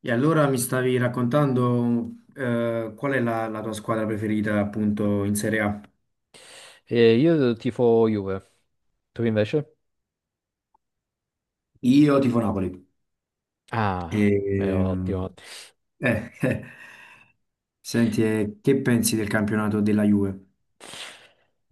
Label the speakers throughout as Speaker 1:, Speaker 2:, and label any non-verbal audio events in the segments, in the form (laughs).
Speaker 1: E allora mi stavi raccontando qual è la, la tua squadra preferita appunto in Serie A?
Speaker 2: E io tifo Juve, tu invece?
Speaker 1: Io tifo Napoli. E,
Speaker 2: Ah, beh,
Speaker 1: ehm,
Speaker 2: ottimo.
Speaker 1: eh, eh, senti, che pensi del campionato della Juve?
Speaker 2: Ottimo.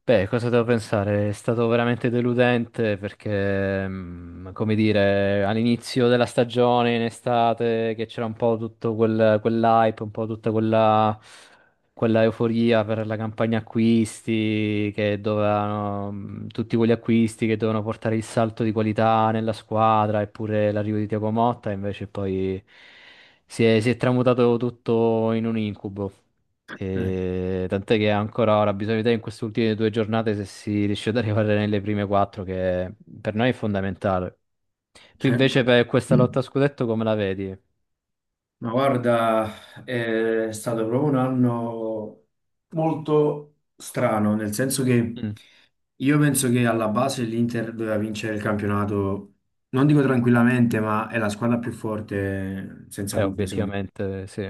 Speaker 2: Beh, cosa devo pensare? È stato veramente deludente perché, come dire, all'inizio della stagione, in estate, che c'era un po' tutto quell'hype, un po' tutta quella euforia per la campagna acquisti, tutti quegli acquisti che dovevano portare il salto di qualità nella squadra, eppure l'arrivo di Thiago Motta, invece poi si è tramutato tutto in un incubo.
Speaker 1: Eh,
Speaker 2: E tant'è che ancora ora bisogna vedere in queste ultime due giornate se si riesce ad arrivare nelle prime quattro, che per noi è fondamentale. Tu
Speaker 1: certo.
Speaker 2: invece per questa lotta a scudetto come la vedi?
Speaker 1: Ma guarda, è stato proprio un anno molto strano, nel senso che
Speaker 2: Mm.
Speaker 1: io penso che alla base l'Inter doveva vincere il campionato, non dico tranquillamente, ma è la squadra più forte senza dubbio, secondo me.
Speaker 2: Obiettivamente sì.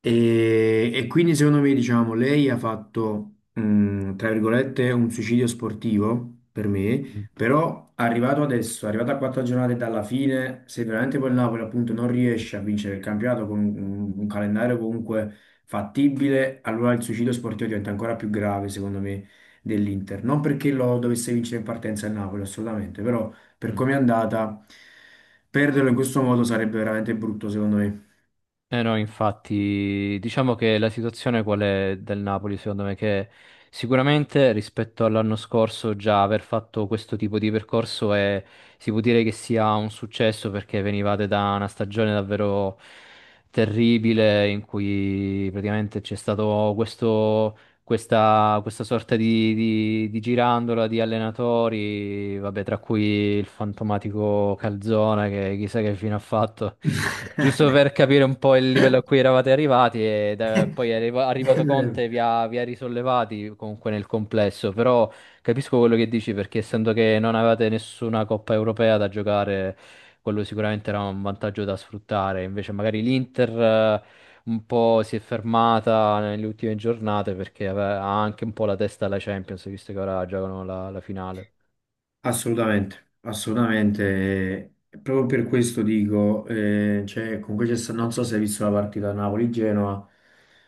Speaker 1: E quindi secondo me, diciamo, lei ha fatto, tra virgolette, un suicidio sportivo per me,
Speaker 2: Mm.
Speaker 1: però arrivato adesso, arrivato a quattro giornate dalla fine, se veramente poi il Napoli appunto non riesce a vincere il campionato con un calendario comunque fattibile, allora il suicidio sportivo diventa ancora più grave, secondo me, dell'Inter. Non perché lo dovesse vincere in partenza il Napoli, assolutamente, però per
Speaker 2: Mm.
Speaker 1: come è andata, perderlo in questo modo sarebbe veramente brutto, secondo me.
Speaker 2: Eh no, infatti, diciamo che la situazione qual è del Napoli, secondo me, che sicuramente rispetto all'anno scorso già aver fatto questo tipo di percorso è, si può dire che sia un successo perché venivate da una stagione davvero terribile in cui praticamente c'è stato questa sorta di, di girandola di allenatori, vabbè, tra cui il fantomatico Calzona, che chissà che fine ha fatto, giusto per capire un po' il livello a cui eravate arrivati, e poi è arrivato Conte e vi
Speaker 1: (laughs)
Speaker 2: ha, vi ha risollevati comunque nel complesso, però capisco quello che dici perché essendo che non avevate nessuna Coppa Europea da giocare, quello sicuramente era un vantaggio da sfruttare, invece magari l'Inter, un po' si è fermata nelle ultime giornate perché ha anche un po' la testa alla Champions, visto che ora giocano la finale.
Speaker 1: Assolutamente, assolutamente. Proprio per questo dico, cioè, comunque c'è sta- non so se hai visto la partita Napoli-Genoa,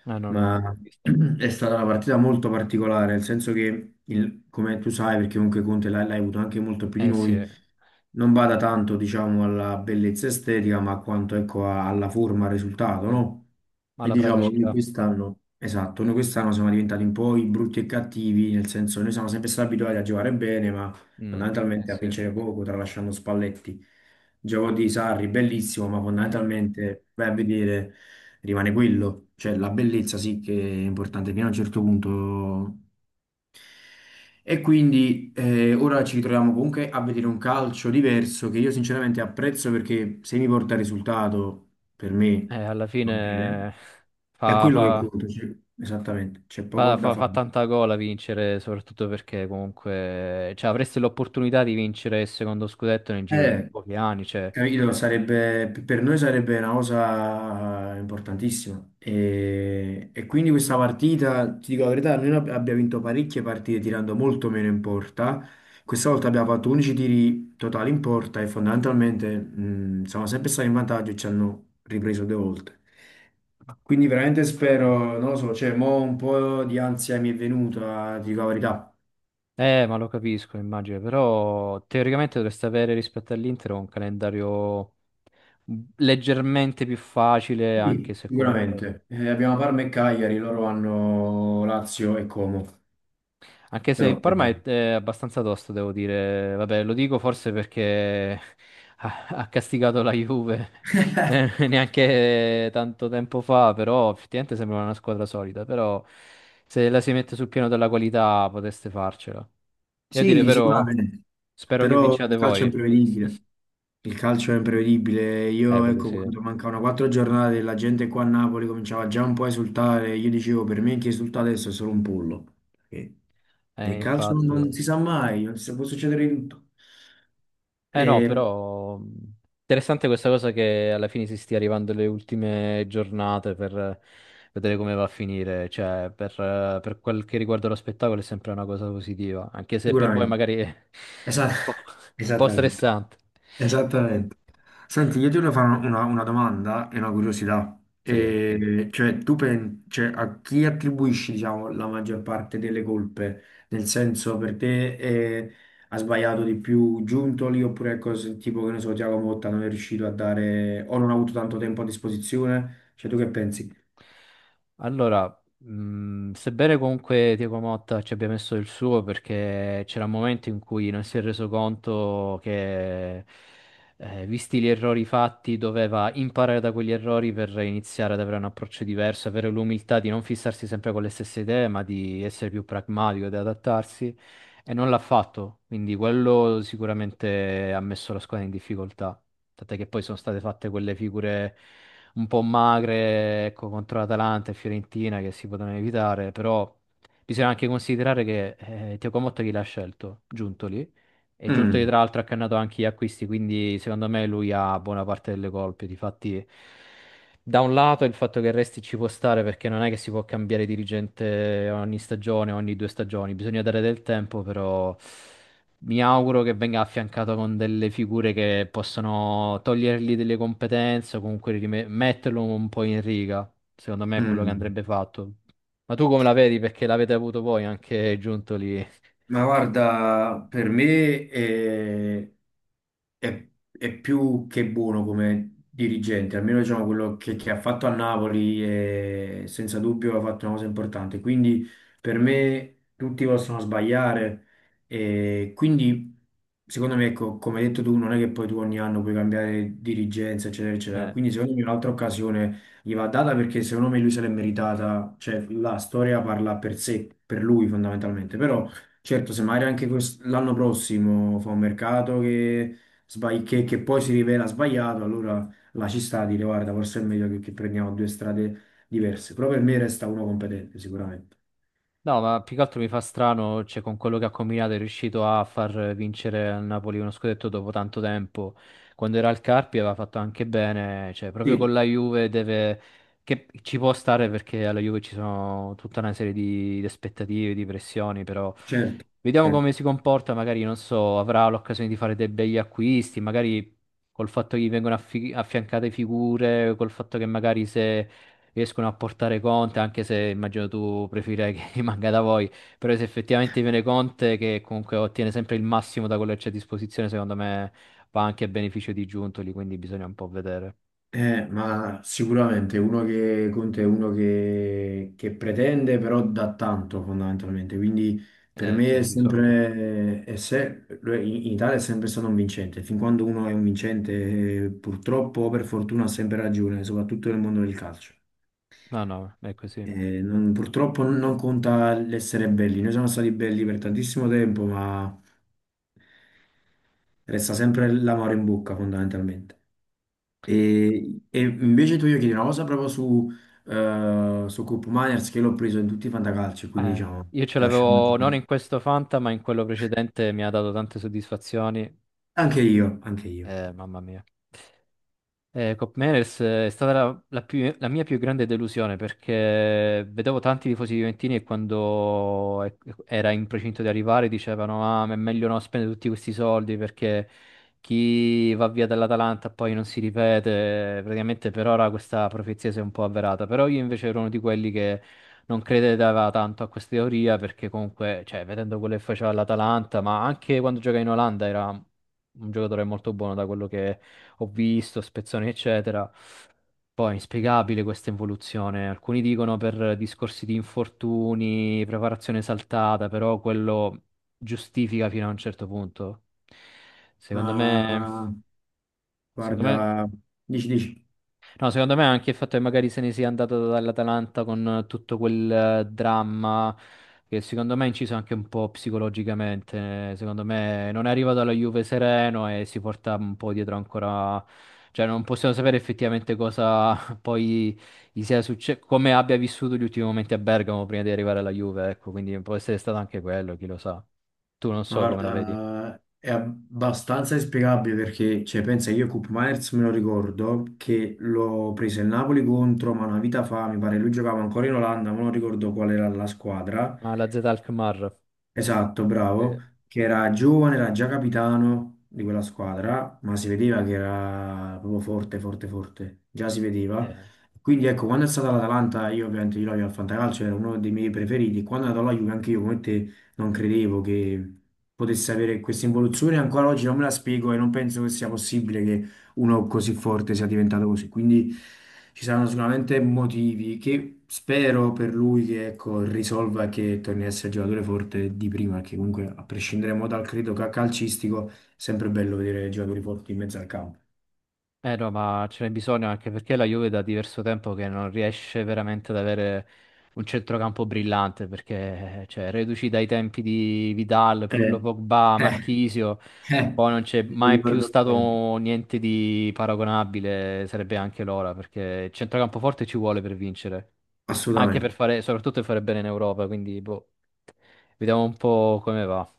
Speaker 2: Ah, no, no, no, l'ho
Speaker 1: ma (clears throat)
Speaker 2: visto.
Speaker 1: è stata una partita molto particolare, nel senso che, il- come tu sai, perché comunque Conte l'hai avuto anche molto più di
Speaker 2: Eh sì,
Speaker 1: noi, non bada tanto, diciamo, alla bellezza estetica, ma quanto, ecco, a- alla forma, al risultato,
Speaker 2: sì.
Speaker 1: no?
Speaker 2: Ma
Speaker 1: E
Speaker 2: la
Speaker 1: diciamo, noi
Speaker 2: praticità.
Speaker 1: quest'anno, esatto, noi quest'anno siamo diventati un po' i brutti e cattivi, nel senso, noi siamo sempre stati abituati a giocare bene, ma
Speaker 2: Mm, eh
Speaker 1: fondamentalmente a
Speaker 2: sì,
Speaker 1: vincere poco, tralasciando Spalletti. Gioco di Sarri, bellissimo, ma
Speaker 2: eh.
Speaker 1: fondamentalmente vai a vedere, rimane quello. Cioè la bellezza sì che è importante fino a un certo punto. E quindi ora ci ritroviamo comunque a vedere un calcio diverso che io sinceramente apprezzo perché se mi porta risultato, per me
Speaker 2: Alla
Speaker 1: va bene.
Speaker 2: fine
Speaker 1: È
Speaker 2: fa,
Speaker 1: quello che
Speaker 2: fa-
Speaker 1: conta, cioè, esattamente, c'è poco
Speaker 2: fa-
Speaker 1: da
Speaker 2: fa-
Speaker 1: fare.
Speaker 2: fa tanta gola vincere, soprattutto perché comunque cioè, avresti l'opportunità di vincere il secondo scudetto nel giro di
Speaker 1: Eh,
Speaker 2: pochi anni. Cioè.
Speaker 1: capito, sarebbe, per noi sarebbe una cosa importantissima. E quindi questa partita, ti dico la verità, noi ab- abbiamo vinto parecchie partite tirando molto meno in porta. Questa volta abbiamo fatto 11 tiri totali in porta e fondamentalmente siamo sempre stati in vantaggio e ci hanno ripreso due volte. Quindi veramente spero, non lo so, cioè, mo un po' di ansia mi è venuta, ti dico la verità.
Speaker 2: Ma lo capisco, immagino, però teoricamente dovreste avere rispetto all'Inter un calendario leggermente più facile, anche
Speaker 1: Sì,
Speaker 2: se comunque.
Speaker 1: sicuramente. Abbiamo Parma e Cagliari, loro hanno Lazio e Como.
Speaker 2: Anche se il
Speaker 1: Però,
Speaker 2: Parma è,
Speaker 1: vediamo.
Speaker 2: è abbastanza tosto, devo dire. Vabbè, lo dico forse perché (laughs) ha castigato la Juve (laughs) neanche tanto tempo fa, però effettivamente sembrava una squadra solida. Però se la si mette sul piano della qualità poteste farcela. E a dire
Speaker 1: Sì,
Speaker 2: però,
Speaker 1: sicuramente.
Speaker 2: spero che
Speaker 1: Però
Speaker 2: vinciate
Speaker 1: il calcio è
Speaker 2: voi. (laughs)
Speaker 1: imprevedibile. Il calcio è imprevedibile. Io,
Speaker 2: Quello
Speaker 1: ecco,
Speaker 2: sì.
Speaker 1: quando mancavano quattro giornate, e la gente qua a Napoli cominciava già un po' a esultare. Io dicevo, per me chi esulta adesso è solo un pollo. Perché nel calcio non
Speaker 2: Infatti.
Speaker 1: si sa mai, non si- può succedere di tutto.
Speaker 2: Eh no,
Speaker 1: Eh,
Speaker 2: però interessante questa cosa che alla fine si stia arrivando alle ultime giornate per vedere come va a finire, cioè per quel che riguarda lo spettacolo è sempre una cosa positiva, anche se per voi
Speaker 1: sicuramente.
Speaker 2: magari è
Speaker 1: Esa-
Speaker 2: un po',
Speaker 1: (laughs)
Speaker 2: un po'
Speaker 1: Esattamente.
Speaker 2: stressante.
Speaker 1: Esattamente. Senti, io ti voglio fare una,
Speaker 2: Sì,
Speaker 1: una- una domanda e una curiosità.
Speaker 2: sì.
Speaker 1: E, cioè, tu pensi, a chi attribuisci, diciamo, la maggior parte delle colpe? Nel senso, per te ha sbagliato di più Giuntoli oppure è cose tipo, che ne so, Thiago Motta non è riuscito a dare o non ha avuto tanto tempo a disposizione? Cioè, tu che pensi?
Speaker 2: Allora, sebbene comunque Diego Motta ci abbia messo il suo perché c'era un momento in cui non si è reso conto che, visti gli errori fatti, doveva imparare da quegli errori per iniziare ad avere un approccio diverso, avere l'umiltà di non fissarsi sempre con le stesse idee, ma di essere più pragmatico, di adattarsi, e non l'ha fatto, quindi quello sicuramente ha messo la squadra in difficoltà, tant'è che poi sono state fatte quelle figure un po' magre, ecco, contro l'Atalanta e Fiorentina che si potevano evitare, però bisogna anche considerare che Thiago Motta chi l'ha scelto? Giuntoli. E Giuntoli
Speaker 1: Mm,
Speaker 2: tra l'altro ha cannato anche gli acquisti, quindi secondo me lui ha buona parte delle colpe. Difatti, da un lato il fatto che resti ci può stare perché non è che si può cambiare dirigente ogni stagione, ogni due stagioni, bisogna dare del tempo, però. Mi auguro che venga affiancato con delle figure che possono togliergli delle competenze o comunque metterlo un po' in riga. Secondo me è quello che
Speaker 1: mm.
Speaker 2: andrebbe fatto. Ma tu come la vedi? Perché l'avete avuto voi anche giunto lì.
Speaker 1: Ma guarda, per me eh, è più che buono come dirigente, almeno diciamo quello che ha fatto a Napoli e senza dubbio ha fatto una cosa importante. Quindi per me tutti possono sbagliare e quindi secondo me, ecco, come hai detto tu, non è che poi tu ogni anno puoi cambiare dirigenza, eccetera, eccetera.
Speaker 2: Eh.
Speaker 1: Quindi secondo me un'altra occasione gli va data perché secondo me lui se l'è meritata, cioè la storia parla per sé, per lui fondamentalmente, però... Certo, se magari anche quest- l'anno prossimo fa un mercato che sbagli- che poi si rivela sbagliato, allora la ci sta a dire guarda, forse è meglio che prendiamo due strade diverse. Però per me resta uno competente, sicuramente.
Speaker 2: No, ma più che altro mi fa strano, cioè, con quello che ha combinato è riuscito a far vincere al Napoli uno scudetto dopo tanto tempo. Quando era al Carpi aveva fatto anche bene, cioè, proprio con
Speaker 1: Sì,
Speaker 2: la Juve deve. Che ci può stare perché alla Juve ci sono tutta una serie di aspettative, di pressioni, però
Speaker 1: certo,
Speaker 2: vediamo come
Speaker 1: certo.
Speaker 2: si comporta, magari, non so, avrà l'occasione di fare dei begli acquisti, magari col fatto che gli vengono affiancate figure, col fatto che magari se riescono a portare Conte, anche se immagino tu preferirei che (laughs) rimanga da voi, però se effettivamente viene Conte che comunque ottiene sempre il massimo da quello che c'è a disposizione, secondo me va anche a beneficio di Giuntoli, quindi bisogna un po' vedere.
Speaker 1: Ma sicuramente uno che conta è uno che pretende, però dà tanto fondamentalmente. Quindi per me è
Speaker 2: Sì, di solito.
Speaker 1: sempre, è se- in Italia è sempre stato un vincente. Fin quando uno è un vincente, purtroppo o per fortuna ha sempre ragione, soprattutto nel mondo del calcio.
Speaker 2: No, no, è così.
Speaker 1: Non- purtroppo non conta l'essere belli, noi siamo stati belli per tantissimo tempo, ma resta sempre l'amore in bocca fondamentalmente. E invece tu io chiedi una cosa proprio su, su Coop Miners che l'ho preso in tutti i fantacalci, quindi diciamo
Speaker 2: Io ce
Speaker 1: ti lascio un
Speaker 2: l'avevo non
Speaker 1: attimo.
Speaker 2: in questo Fanta, ma in quello precedente mi ha dato tante soddisfazioni.
Speaker 1: Anche io, anche io.
Speaker 2: Mamma mia. Cop Meners è stata la mia più grande delusione perché vedevo tanti tifosi juventini e quando era in procinto di arrivare dicevano: Ah, ma è meglio non spendere tutti questi soldi perché chi va via dall'Atalanta poi non si ripete. Praticamente per ora questa profezia si è un po' avverata. Però io invece ero uno di quelli che non credeva tanto a questa teoria perché comunque, cioè, vedendo quello che faceva l'Atalanta, ma anche quando gioca in Olanda era un giocatore molto buono da quello ho visto, spezzoni, eccetera. Poi è inspiegabile questa involuzione. Alcuni dicono per discorsi di infortuni, preparazione saltata, però quello giustifica fino a un certo punto. Secondo me,
Speaker 1: Ma
Speaker 2: secondo me.
Speaker 1: guarda, dici, dici.
Speaker 2: No, secondo me anche il fatto che magari se ne sia andato dall'Atalanta con tutto quel dramma che secondo me ha inciso anche un po' psicologicamente, secondo me non è arrivato alla Juve sereno e si porta un po' dietro ancora, cioè non possiamo sapere effettivamente cosa (laughs) poi gli sia successo, come abbia vissuto gli ultimi momenti a Bergamo prima di arrivare alla Juve, ecco, quindi può essere stato anche quello, chi lo sa. Tu non
Speaker 1: Ma
Speaker 2: so come la vedi.
Speaker 1: Guarda, è abbastanza inspiegabile perché, cioè, pensa, io Koop Meiners me lo ricordo che l'ho preso il Napoli contro, ma una vita fa, mi pare lui giocava ancora in Olanda, ma non ricordo qual era la squadra.
Speaker 2: Ah, la Z Alkmaar.
Speaker 1: Esatto,
Speaker 2: Sì.
Speaker 1: bravo, che era giovane, era già capitano di quella squadra, ma si vedeva che era proprio forte, forte, forte, già si vedeva.
Speaker 2: Eh.
Speaker 1: Quindi ecco, quando è stata l'Atalanta, io ovviamente io lo avevo al Fantacalcio, era uno dei miei preferiti. Quando è andato alla Juve, anche io come te non credevo che potesse avere questa involuzione, ancora oggi non me la spiego e non penso che sia possibile uno così forte sia diventato così. Quindi ci saranno sicuramente motivi che spero per lui che ecco, risolva e che torni a essere il giocatore forte di prima, perché comunque a prescindere mo dal credo ca- calcistico, è sempre bello vedere giocatori forti in mezzo al campo.
Speaker 2: Eh no, ma ce n'è bisogno anche perché la Juve da diverso tempo che non riesce veramente ad avere un centrocampo brillante, perché cioè, reduci dai tempi di Vidal, Pirlo
Speaker 1: Eh,
Speaker 2: Pogba,
Speaker 1: eh,
Speaker 2: Marchisio,
Speaker 1: eh,
Speaker 2: poi non c'è
Speaker 1: mi
Speaker 2: mai più
Speaker 1: ricordo bene.
Speaker 2: stato niente di paragonabile, sarebbe anche l'ora, perché il centrocampo forte ci vuole per vincere, anche per
Speaker 1: Assolutamente.
Speaker 2: fare, soprattutto per fare bene in Europa, quindi boh, vediamo un po' come va.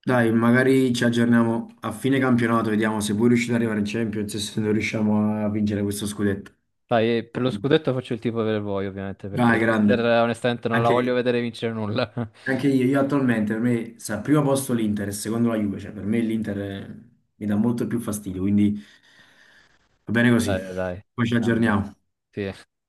Speaker 1: Dai, magari ci aggiorniamo a fine campionato, vediamo se voi riuscite ad arrivare in Champions e se non riusciamo a vincere questo scudetto.
Speaker 2: Dai, per lo scudetto faccio il tifo per voi, ovviamente, perché
Speaker 1: Dai, grande.
Speaker 2: l'Inter onestamente non la voglio
Speaker 1: Anche
Speaker 2: vedere vincere nulla. (laughs)
Speaker 1: Anche io attualmente per me sta al primo posto l'Inter e secondo la Juve, cioè per me l'Inter mi dà molto più fastidio, quindi va bene
Speaker 2: Dai,
Speaker 1: così.
Speaker 2: dai, dai,
Speaker 1: Poi ci
Speaker 2: grande.
Speaker 1: aggiorniamo.
Speaker 2: Sì.